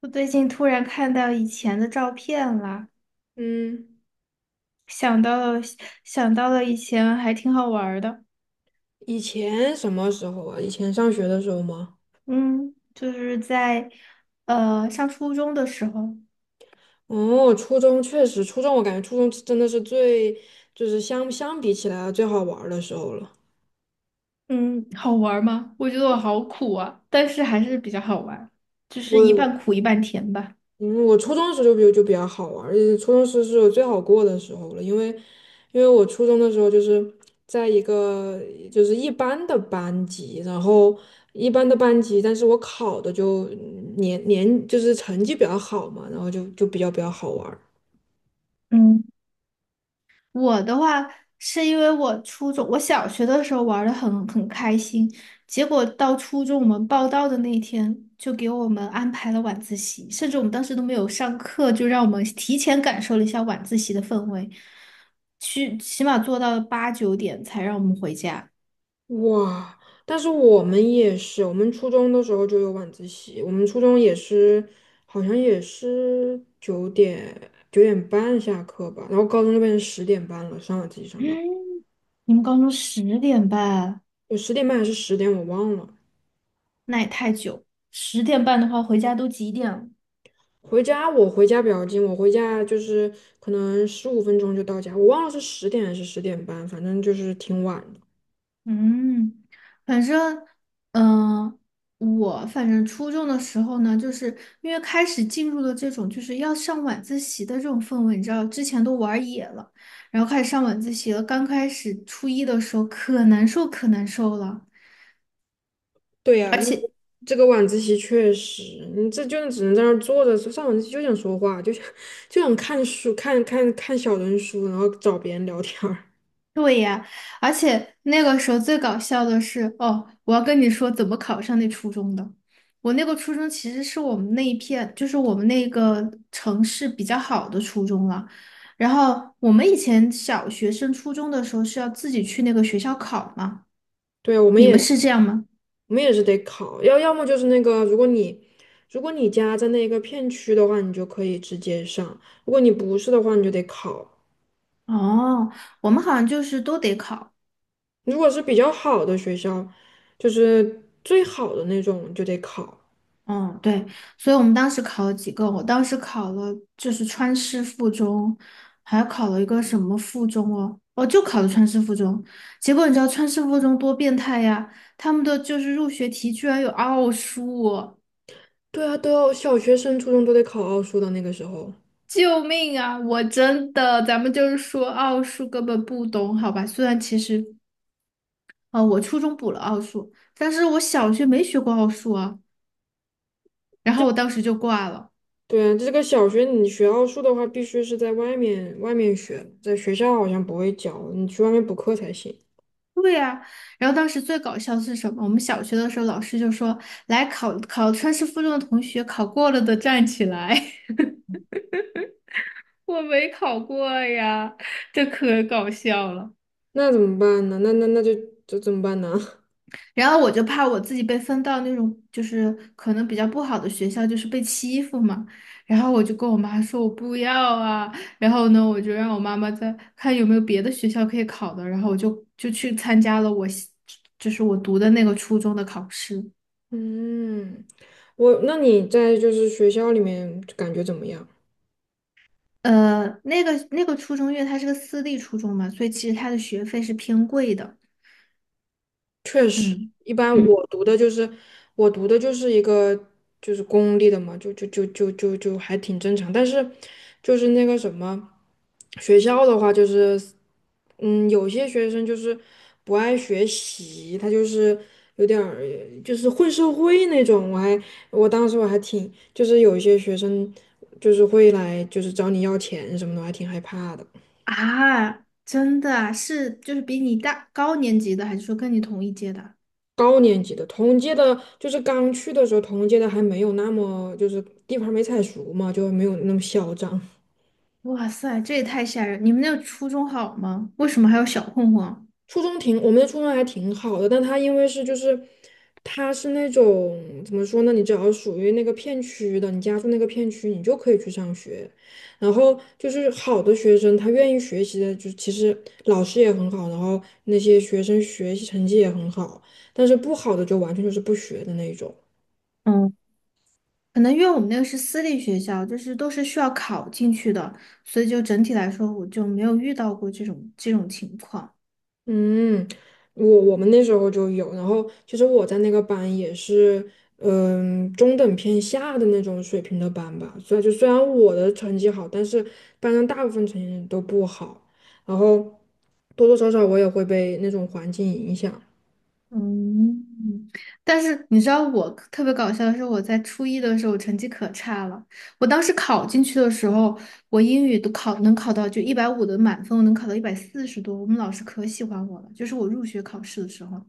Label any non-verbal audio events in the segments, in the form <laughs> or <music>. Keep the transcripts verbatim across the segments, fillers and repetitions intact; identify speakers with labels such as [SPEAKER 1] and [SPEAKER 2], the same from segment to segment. [SPEAKER 1] 我最近突然看到以前的照片了，
[SPEAKER 2] 嗯，
[SPEAKER 1] 想到了想到了以前还挺好玩儿的。
[SPEAKER 2] 以前什么时候啊？以前上学的时候吗？
[SPEAKER 1] 嗯，就是在呃上初中的时候。
[SPEAKER 2] 哦，初中确实，初中我感觉初中真的是最，就是相相比起来最好玩儿的时候了。
[SPEAKER 1] 嗯，好玩儿吗？我觉得我好苦啊，但是还是比较好玩，就是一
[SPEAKER 2] 我，
[SPEAKER 1] 半苦一半甜吧。
[SPEAKER 2] 嗯，我初中的时候就比就比较好玩儿，而且初中时是我最好过的时候了，因为，因为我初中的时候就是在一个就是一般的班级，然后一般的班级，但是我考的就年年就是成绩比较好嘛，然后就就比较比较好玩儿。
[SPEAKER 1] 嗯。我的话是因为我初中，我小学的时候玩的很很开心，结果到初中我们报到的那一天，就给我们安排了晚自习，甚至我们当时都没有上课，就让我们提前感受了一下晚自习的氛围，去起码做到了八九点才让我们回家。
[SPEAKER 2] 哇！但是我们也是，我们初中的时候就有晚自习，我们初中也是，好像也是九点九点半下课吧。然后高中就变成十点半了，上晚自习上到，
[SPEAKER 1] 嗯，你们高中十点半，
[SPEAKER 2] 有十点半还是十点我忘了。
[SPEAKER 1] 那也太久，十点半的话回家都几点了？
[SPEAKER 2] 回家，我回家比较近，我回家就是可能十五分钟就到家。我忘了是十点还是十点半，反正就是挺晚。
[SPEAKER 1] 嗯，反正，嗯、我反正初中的时候呢，就是因为开始进入了这种就是要上晚自习的这种氛围，你知道，之前都玩野了，然后开始上晚自习了。刚开始初一的时候可难受可难受了。
[SPEAKER 2] 对呀，因为这个晚自习确实，你这就只能在那儿坐着，上晚自习就想说话，就想就想看书，看看看小人书，然后找别人聊天儿。
[SPEAKER 1] 对呀，而且那个时候最搞笑的是，哦，我要跟你说怎么考上那初中的。我那个初中其实是我们那一片，就是我们那个城市比较好的初中了。然后我们以前小学升初中的时候是要自己去那个学校考嘛，
[SPEAKER 2] 对啊，我们
[SPEAKER 1] 你们
[SPEAKER 2] 也
[SPEAKER 1] 是这样吗？
[SPEAKER 2] 我们也是得考，要要么就是那个，如果你如果你家在那个片区的话，你就可以直接上；如果你不是的话，你就得考。
[SPEAKER 1] 哦，我们好像就是都得考。
[SPEAKER 2] 如果是比较好的学校，就是最好的那种，你就得考。
[SPEAKER 1] 嗯，对，所以我们当时考了几个，我当时考了就是川师附中，还考了一个什么附中哦，哦，就考了川师附中。结果你知道川师附中多变态呀？他们的就是入学题居然有奥数哦。
[SPEAKER 2] 对啊，都要小学生、初中都得考奥数的那个时候。
[SPEAKER 1] 救命啊！我真的，咱们就是说奥数根本不懂，好吧？虽然其实，呃，我初中补了奥数，但是我小学没学过奥数啊，然后我当时就挂了。
[SPEAKER 2] 对啊，这个小学你学奥数的话，必须是在外面外面学，在学校好像不会教，你去外面补课才行。
[SPEAKER 1] 对呀，然后当时最搞笑的是什么？我们小学的时候，老师就说：“来考考川师附中的同学，考过了的站起来。” <laughs> 我没考过呀，这可搞笑了。
[SPEAKER 2] 那怎么办呢？那那那就这怎么办呢？
[SPEAKER 1] 然后我就怕我自己被分到那种就是可能比较不好的学校，就是被欺负嘛。然后我就跟我妈说我不要啊。然后呢，我就让我妈妈再看有没有别的学校可以考的。然后我就就去参加了我就是我读的那个初中的考试。
[SPEAKER 2] <laughs> 嗯，我，那你在就是学校里面感觉怎么样？
[SPEAKER 1] 呃，那个那个初中，因为它是个私立初中嘛，所以其实它的学费是偏贵的。嗯，
[SPEAKER 2] 一般
[SPEAKER 1] 嗯
[SPEAKER 2] 我读的就是我读的就是一个就是公立的嘛，就就就就就就还挺正常。但是就是那个什么学校的话，就是嗯，有些学生就是不爱学习，他就是有点儿就是混社会那种。我还我当时我还挺就是有一些学生就是会来就是找你要钱什么的，我还挺害怕的。
[SPEAKER 1] 啊，真的啊，是就是比你大高年级的，还是说跟你同一届的？
[SPEAKER 2] 高年级的同届的，就是刚去的时候，同届的还没有那么就是地盘儿没踩熟嘛，就没有那么嚣张。
[SPEAKER 1] 哇塞，这也太吓人！你们那个初中好吗？为什么还有小混混啊？
[SPEAKER 2] 初中挺，我们的初中还挺好的，但他因为是就是他是那种怎么说呢？你只要属于那个片区的，你家住那个片区，你就可以去上学。然后就是好的学生，他愿意学习的，就其实老师也很好，然后那些学生学习成绩也很好，但是不好的就完全就是不学的那种。
[SPEAKER 1] 嗯，可能因为我们那个是私立学校，就是都是需要考进去的，所以就整体来说，我就没有遇到过这种这种情况。
[SPEAKER 2] 嗯，我我们那时候就有，然后其实我在那个班也是，嗯，中等偏下的那种水平的班吧。所以就虽然我的成绩好，但是班上大部分成绩都不好，然后多多少少我也会被那种环境影响。
[SPEAKER 1] 嗯，但是你知道我特别搞笑的是，我在初一的时候我成绩可差了。我当时考进去的时候，我英语都考能考到就一百五十的满分，我能考到一百四十多。我们老师可喜欢我了，就是我入学考试的时候。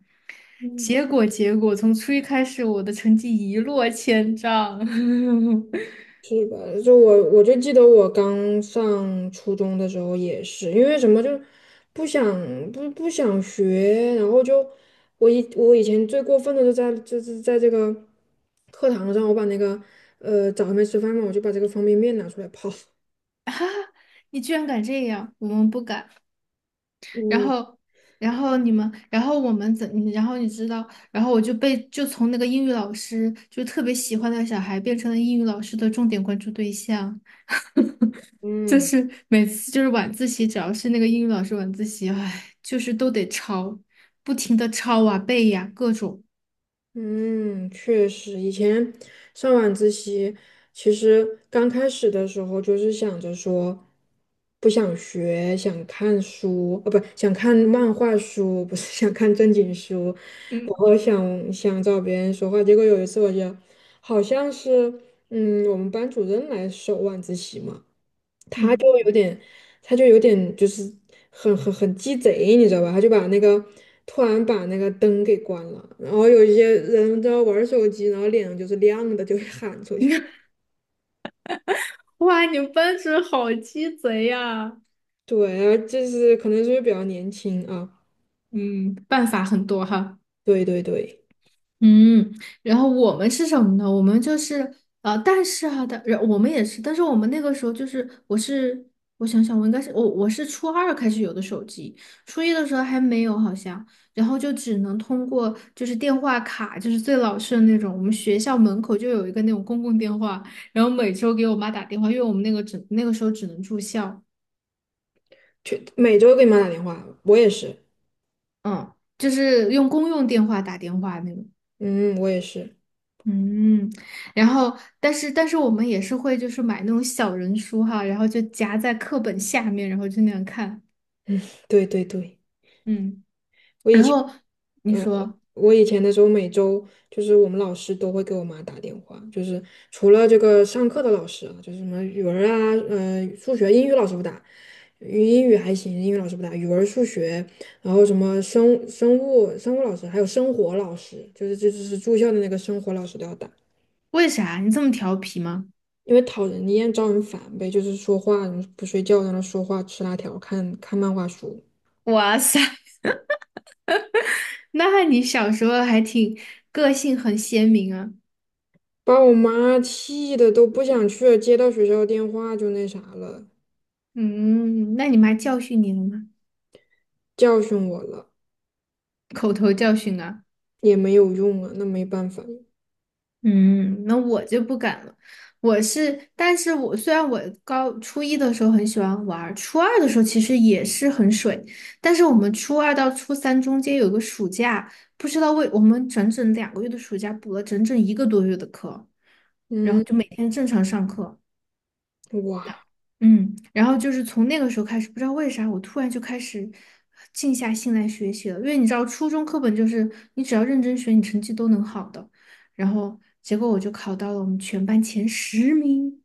[SPEAKER 1] 结果结果从初一开始，我的成绩一落千丈。<laughs>
[SPEAKER 2] 是吧？就我我就记得我刚上初中的时候也是，因为什么就是不想，不不想学，然后就我以我以前最过分的就在就是在这个课堂上，我把那个呃早上没吃饭嘛，我就把这个方便面拿出来泡。
[SPEAKER 1] 你居然敢这样，我们不敢。然
[SPEAKER 2] 嗯
[SPEAKER 1] 后，然后你们，然后我们怎，你然后你知道，然后我就被就从那个英语老师，就特别喜欢的小孩，变成了英语老师的重点关注对象。就
[SPEAKER 2] 嗯。
[SPEAKER 1] 是每次就是晚自习，只要是那个英语老师晚自习，唉，就是都得抄，不停的抄啊背呀、各种。
[SPEAKER 2] 嗯，确实，以前上晚自习，其实刚开始的时候就是想着说，不想学，想看书，哦，不，想看漫画书，<laughs> 不是想看正经书，然
[SPEAKER 1] 嗯，
[SPEAKER 2] 后想想找别人说话。结果有一次，我就好像是，嗯，我们班主任来收晚自习嘛。他
[SPEAKER 1] 嗯
[SPEAKER 2] 就有点，他就有点就是很很很鸡贼，你知道吧？他就把那个突然把那个灯给关了，然后有一些人在玩手机，然后脸上就是亮的，就会喊出去。
[SPEAKER 1] 哇，你们班主任好鸡贼呀！
[SPEAKER 2] <laughs> 对，然后就是可能是因为比较年轻啊。
[SPEAKER 1] 嗯，办法很多哈。
[SPEAKER 2] 对对对，
[SPEAKER 1] 嗯，然后我们是什么呢？我们就是呃，但是啊，但然我们也是，但是我们那个时候就是，我是我想想，我应该是我我是初二开始有的手机，初一的时候还没有好像，然后就只能通过就是电话卡，就是最老式的那种，我们学校门口就有一个那种公共电话，然后每周给我妈打电话，因为我们那个只那个时候只能住校，
[SPEAKER 2] 去每周给你妈打电话，我也是。
[SPEAKER 1] 嗯，就是用公用电话打电话那种。
[SPEAKER 2] 嗯，我也是。
[SPEAKER 1] 嗯，然后，但是，但是我们也是会就是买那种小人书哈，然后就夹在课本下面，然后就那样看。
[SPEAKER 2] 对对对。
[SPEAKER 1] 嗯，
[SPEAKER 2] 我以
[SPEAKER 1] 然
[SPEAKER 2] 前，
[SPEAKER 1] 后你
[SPEAKER 2] 呃，
[SPEAKER 1] 说
[SPEAKER 2] 我以前的时候，每周就是我们老师都会给我妈打电话，就是除了这个上课的老师啊，就是什么语文啊，呃，数学、英语老师不打，语英语还行，英语老师不打，语文、数学，然后什么生生物、生物老师，还有生活老师，就是这就是住校的那个生活老师都要打。
[SPEAKER 1] 为啥你这么调皮吗？
[SPEAKER 2] 因为讨人厌、招人烦呗，就是说话不睡觉，在那说话吃辣条、看看漫画书。
[SPEAKER 1] <laughs> 哇塞，<laughs> 那你小时候还挺个性很鲜明啊。
[SPEAKER 2] 把我妈气的都不想去了，接到学校电话就那啥了。
[SPEAKER 1] 嗯，那你妈教训你了吗？
[SPEAKER 2] 教训我了，
[SPEAKER 1] 口头教训啊。
[SPEAKER 2] 也没有用啊，那没办法。
[SPEAKER 1] 嗯，那我就不敢了。我是，但是我虽然我高初一的时候很喜欢玩儿，初二的时候其实也是很水，但是我们初二到初三中间有个暑假，不知道为我们整整两个月的暑假补了整整一个多月的课，然后
[SPEAKER 2] 嗯，
[SPEAKER 1] 就每天正常上课。那，
[SPEAKER 2] 哇
[SPEAKER 1] 嗯，然后就是从那个时候开始，不知道为啥，我突然就开始静下心来学习了。因为你知道，初中课本就是你只要认真学，你成绩都能好的。然后结果我就考到了我们全班前十名。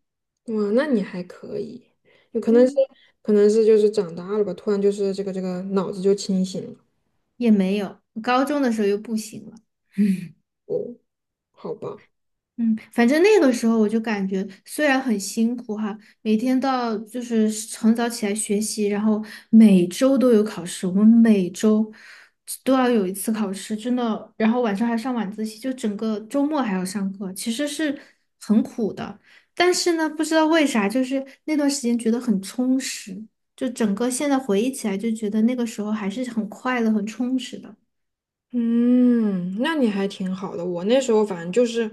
[SPEAKER 2] 哇，那你还可以，有可能是
[SPEAKER 1] 嗯，
[SPEAKER 2] 可能是就是长大了吧，突然就是这个这个脑子就清醒了。
[SPEAKER 1] 也没有。高中的时候又不行了。
[SPEAKER 2] 哦，好吧，
[SPEAKER 1] 嗯，反正那个时候我就感觉，虽然很辛苦哈，每天到就是很早起来学习，然后每周都有考试，我们每周都要有一次考试，真的，然后晚上还上晚自习，就整个周末还要上课，其实是很苦的。但是呢，不知道为啥，就是那段时间觉得很充实，就整个现在回忆起来，就觉得那个时候还是很快乐、很充实的。
[SPEAKER 2] 嗯，那你还挺好的。我那时候反正就是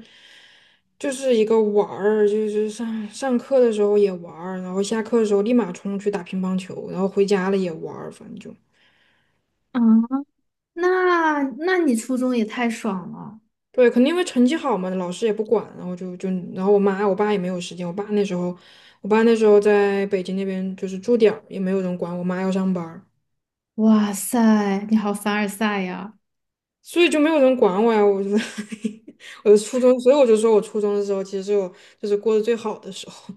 [SPEAKER 2] 就是一个玩儿，就是上上课的时候也玩儿，然后下课的时候立马冲去打乒乓球，然后回家了也玩儿，反正就。
[SPEAKER 1] 啊，那那你初中也太爽了。
[SPEAKER 2] 对，肯定因为成绩好嘛，老师也不管，然后就就，然后我妈我爸也没有时间，我爸那时候，我爸那时候在北京那边就是住点儿，也没有人管，我妈要上班儿，
[SPEAKER 1] 哇塞，你好凡尔赛呀！
[SPEAKER 2] 所以就没有人管我呀，我就 <laughs> 我的初中，所以我就说我初中的时候其实是我就是过得最好的时候。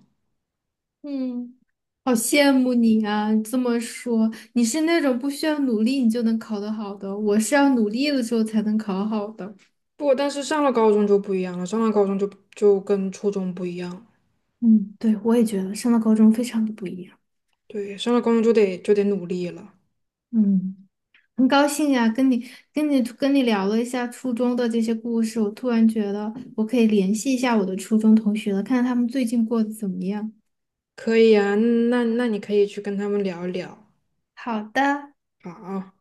[SPEAKER 1] 嗯，好羡慕你啊！这么说，你是那种不需要努力你就能考得好的，我是要努力的时候才能考好的。
[SPEAKER 2] 不过但是上了高中就不一样了，上了高中就就跟初中不一样，
[SPEAKER 1] 嗯，对，我也觉得上了高中非常的不一样。
[SPEAKER 2] 对，上了高中就得就得努力了，
[SPEAKER 1] 嗯，很高兴呀，跟你跟你跟你聊了一下初中的这些故事，我突然觉得我可以联系一下我的初中同学了，看看他们最近过得怎么样。
[SPEAKER 2] 可以啊，那那你可以去跟他们聊一聊，
[SPEAKER 1] 好的。
[SPEAKER 2] 好啊。